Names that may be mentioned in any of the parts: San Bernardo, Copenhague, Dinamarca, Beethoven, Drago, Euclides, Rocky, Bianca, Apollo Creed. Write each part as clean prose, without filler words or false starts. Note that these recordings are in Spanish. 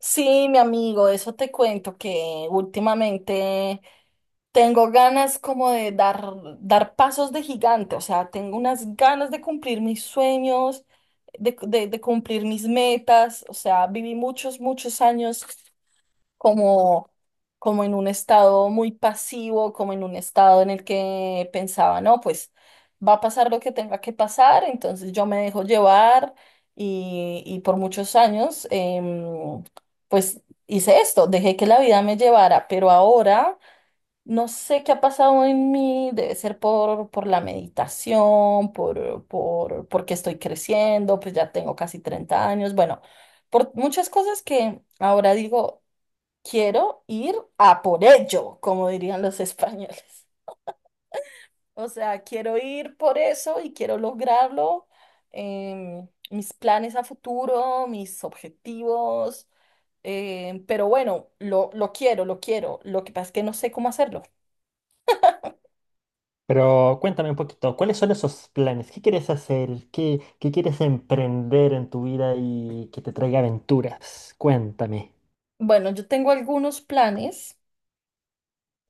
Sí, mi amigo, eso te cuento que últimamente tengo ganas como de dar, dar pasos de gigante. O sea, tengo unas ganas de cumplir mis sueños, de cumplir mis metas. O sea, viví muchos, muchos años como, como en un estado muy pasivo, como en un estado en el que pensaba, no, pues va a pasar lo que tenga que pasar, entonces yo me dejo llevar y por muchos años, pues hice esto, dejé que la vida me llevara. Pero ahora no sé qué ha pasado en mí, debe ser por la meditación, porque estoy creciendo, pues ya tengo casi 30 años, bueno, por muchas cosas que ahora digo: quiero ir a por ello, como dirían los españoles. O sea, quiero ir por eso y quiero lograrlo. Mis planes a futuro, mis objetivos. Pero bueno, lo quiero, lo quiero. Lo que pasa es que no sé cómo hacerlo. Pero cuéntame un poquito, ¿cuáles son esos planes? ¿Qué quieres hacer? ¿Qué quieres emprender en tu vida y que te traiga aventuras? Cuéntame. Bueno, yo tengo algunos planes.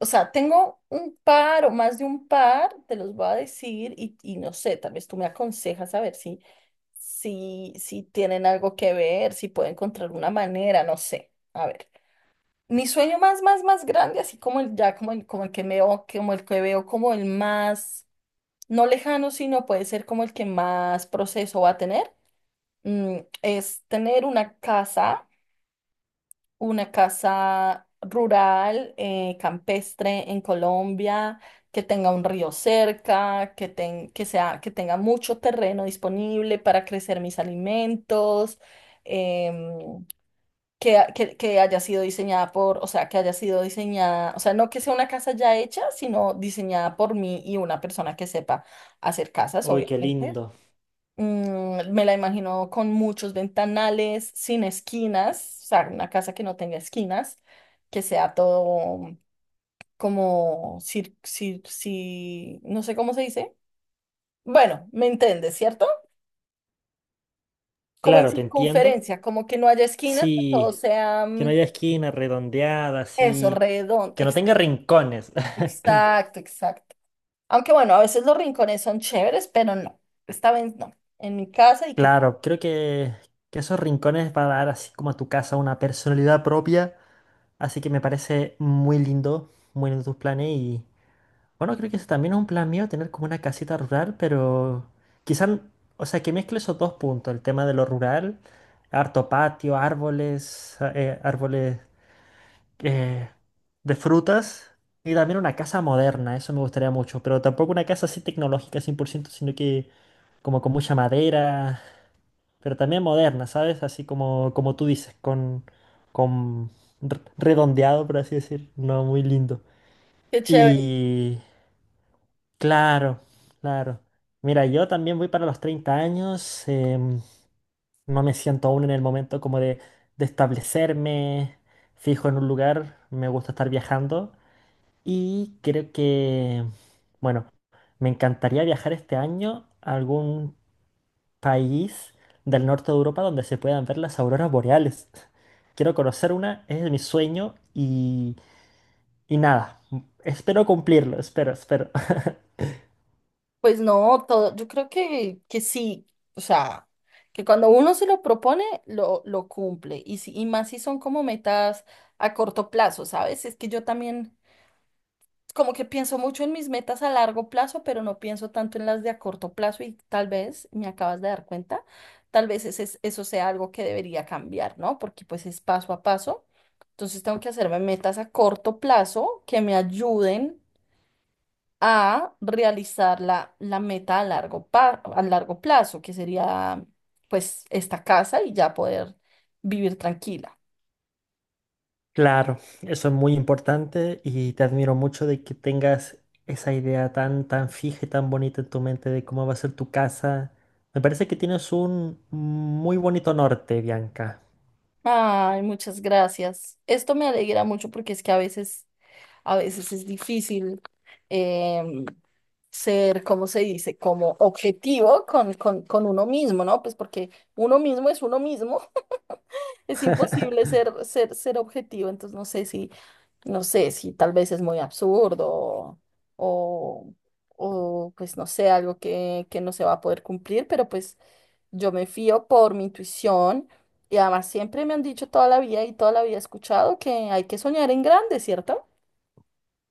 O sea, tengo un par o más de un par, te los voy a decir y no sé, tal vez tú me aconsejas a ver si, si tienen algo que ver, si puedo encontrar una manera, no sé. A ver, mi sueño más, más, más grande, así como el ya, como el que veo, como el que veo, como el más, no lejano, sino puede ser como el que más proceso va a tener, mm, es tener una casa, una casa rural, campestre en Colombia, que tenga un río cerca, que sea, que tenga mucho terreno disponible para crecer mis alimentos. em, que que- haya sido diseñada por, o sea, que haya sido diseñada, o sea, no que sea una casa ya hecha, sino diseñada por mí y una persona que sepa hacer casas, Uy, qué obviamente. lindo. Mm, me la imagino con muchos ventanales, sin esquinas. O sea, una casa que no tenga esquinas, que sea todo como, no sé cómo se dice. Bueno, me entiendes, ¿cierto? Como en Claro, te entiendo. circunferencia, como que no haya esquinas, que todo Sí, sea que no mm, haya esquina redondeada, eso, así, redondo. que no tenga Exacto, rincones. exacto, exacto. Aunque bueno, a veces los rincones son chéveres, pero no, esta vez no. En mi casa y que qué Claro, creo que esos rincones va a dar así como a tu casa una personalidad propia. Así que me parece muy lindo tus planes. Bueno, creo que ese también es un plan mío, tener como una casita rural, pero quizás, o sea, que mezcle esos dos puntos, el tema de lo rural, harto patio, árboles, eh, de frutas, y también una casa moderna, eso me gustaría mucho, pero tampoco una casa así tecnológica 100%, sino que como con mucha madera, pero también moderna, ¿sabes? Así como, tú dices, con redondeado, por así decir, no muy lindo. qué chévere. Y... Claro, claro. Mira, yo también voy para los 30 años. No me siento aún en el momento como de establecerme fijo en un lugar. Me gusta estar viajando. Y creo que, bueno, me encantaría viajar este año a algún país del norte de Europa donde se puedan ver las auroras boreales. Quiero conocer una, es mi sueño y nada. Espero cumplirlo, espero, espero. Pues no, todo, yo creo que sí. O sea, que cuando uno se lo propone, lo cumple, y, si, y más si son como metas a corto plazo, ¿sabes? Es que yo también como que pienso mucho en mis metas a largo plazo, pero no pienso tanto en las de a corto plazo y tal vez, me acabas de dar cuenta, tal vez ese es- eso sea algo que debería cambiar, ¿no? Porque pues es paso a paso, entonces tengo que hacerme metas a corto plazo que me ayuden a realizar la meta a largo, a largo plazo, que sería pues esta casa y ya poder vivir tranquila. Claro, eso es muy importante y te admiro mucho de que tengas esa idea tan, tan fija y tan bonita en tu mente de cómo va a ser tu casa. Me parece que tienes un muy bonito norte, Bianca. Ay, muchas gracias. Esto me alegra mucho porque es que a veces es difícil em, ser, ¿cómo se dice? Como objetivo con uno mismo, ¿no? Pues porque uno mismo es uno mismo. Es imposible ser, ser, ser objetivo. Entonces no sé si tal vez es muy absurdo o, o pues no sé, que no se va a poder cumplir, pero pues yo me fío por mi intuición y además siempre me han dicho toda la vida y toda la vida he escuchado que hay que soñar en grande, ¿cierto?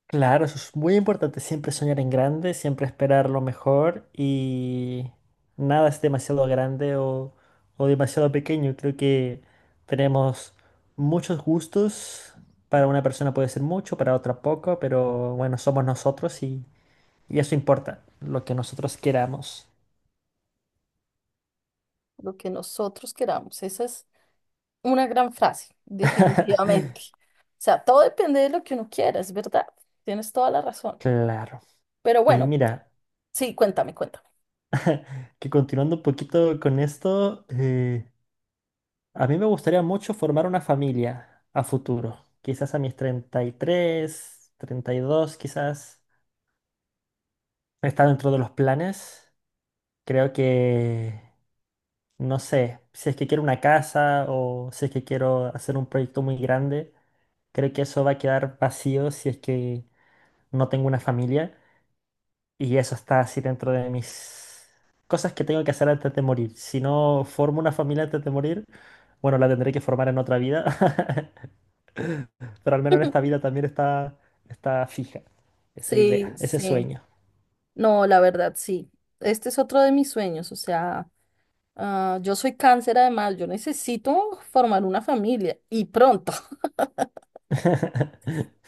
Claro, eso es muy importante, siempre soñar en grande, siempre esperar lo mejor y nada es demasiado grande o demasiado pequeño. Creo que tenemos muchos gustos, para una persona puede ser mucho, para otra poco, pero bueno, somos nosotros. Y eso importa, lo que nosotros queramos. Lo que nosotros queramos. Esa es una gran frase, definitivamente. O sea, todo depende de lo que uno quiera, es verdad. Tienes toda la razón. Claro. Pero Y bueno, mira, sí, cuéntame, cuéntame. que continuando un poquito con esto, a mí me gustaría mucho formar una familia a futuro. Quizás a mis 30 33, 32, quizás. Está dentro de los planes. Creo que, no sé, si es que quiero una casa o si es que quiero hacer un proyecto muy grande, creo que eso va a quedar vacío si es que no tengo una familia. Y eso está así dentro de mis cosas que tengo que hacer antes de morir. Si no formo una familia antes de morir, bueno, la tendré que formar en otra vida, pero al menos en esta vida también está, fija esa Sí, idea, ese sí. sueño. No, la verdad, sí. Este es otro de mis sueños. O sea, ah, yo soy cáncer además, yo necesito formar una familia y pronto.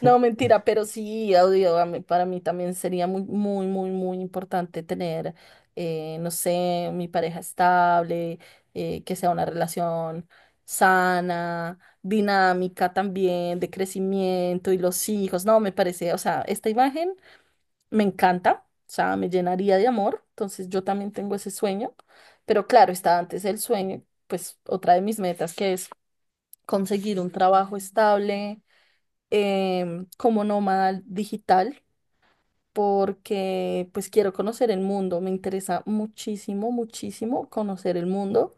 No, mentira, pero sí, audio, para mí también sería muy, muy, muy, muy importante tener, no sé, mi pareja estable, que sea una relación sana, dinámica también, de crecimiento y los hijos. No, me parece, o sea, esta imagen me encanta. O sea, me llenaría de amor, entonces yo también tengo ese sueño, pero claro, está antes el sueño, pues otra de mis metas que es conseguir un trabajo estable como nómada digital, porque pues quiero conocer el mundo, me interesa muchísimo, muchísimo conocer el mundo,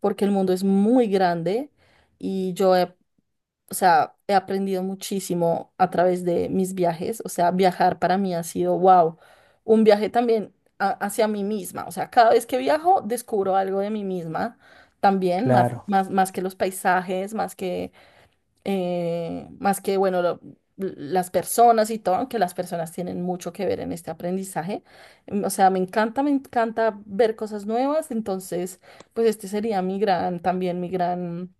porque el mundo es muy grande y yo he o sea, he aprendido muchísimo a través de mis viajes. O sea, viajar para mí ha sido, wow, un viaje también hacia mí misma. O sea, cada vez que viajo descubro algo de mí misma también, más, Claro, más, más que los paisajes, más que, las personas y todo, aunque las personas tienen mucho que ver en este aprendizaje. O sea, me encanta ver cosas nuevas. Entonces, pues este sería mi gran, también mi gran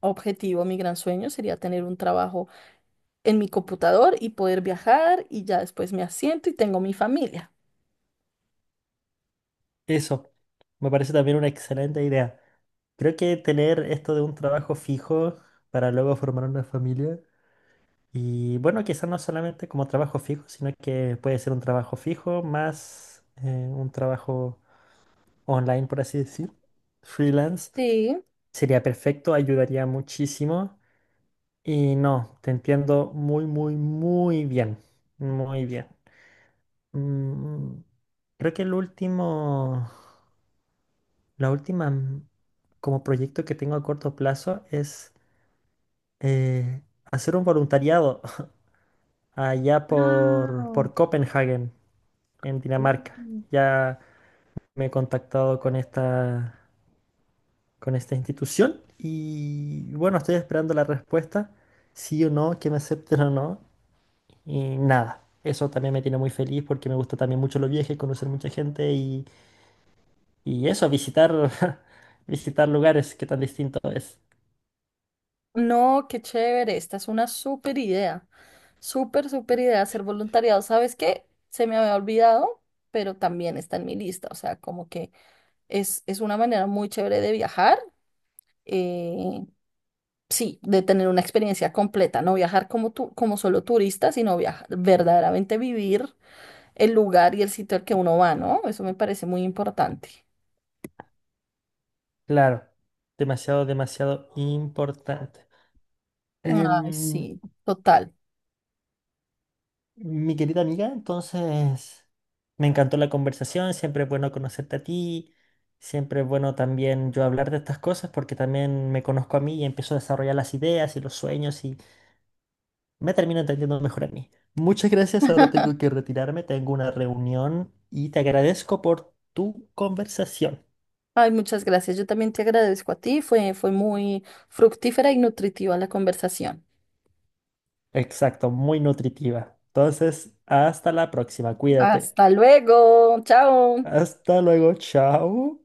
objetivo, mi gran sueño sería tener un trabajo en mi computador y poder viajar y ya después me asiento y tengo mi familia. eso me parece también una excelente idea. Creo que tener esto de un trabajo fijo para luego formar una familia. Y bueno, quizás no solamente como trabajo fijo, sino que puede ser un trabajo fijo más un trabajo online, por así decir. Freelance Sí, sería perfecto, ayudaría muchísimo. Y no, te entiendo muy, muy, muy bien. Muy bien. Mm, creo que el último, la última mm, como proyecto que tengo a corto plazo es eh, hacer un voluntariado allá por, Copenhague en Dinamarca. Ya me he contactado con esta institución y bueno, estoy esperando la respuesta, sí o no, que me acepten o no, y nada. Eso también me tiene muy feliz porque me gusta también mucho los viajes, conocer mucha gente y eso, visitar, visitar lugares, que tan distinto es. no, qué chévere, esta es una súper idea, súper, súper idea hacer voluntariado. ¿Sabes qué? Se me había olvidado, pero también está en mi lista. O sea, como que es una manera muy chévere de viajar. eh, Sí, de tener una experiencia completa, no viajar como tú, como solo turista, sino viajar, verdaderamente vivir el lugar y el sitio al que uno va, ¿no? Eso me parece muy importante. Claro, demasiado, demasiado importante. Ay, Em, sí, total. Mi querida amiga, entonces me encantó la conversación, siempre es bueno conocerte a ti, siempre es bueno también yo hablar de estas cosas porque también me conozco a mí y empiezo a desarrollar las ideas y los sueños y me termino entendiendo mejor a mí. Muchas gracias, ahora tengo que retirarme, tengo una reunión y te agradezco por tu conversación. Ay, muchas gracias. Yo también te agradezco a ti. Fue, fue muy fructífera y nutritiva la conversación. Exacto, muy nutritiva. Entonces, hasta la próxima, cuídate. Hasta luego. Chao. Hasta luego, chao.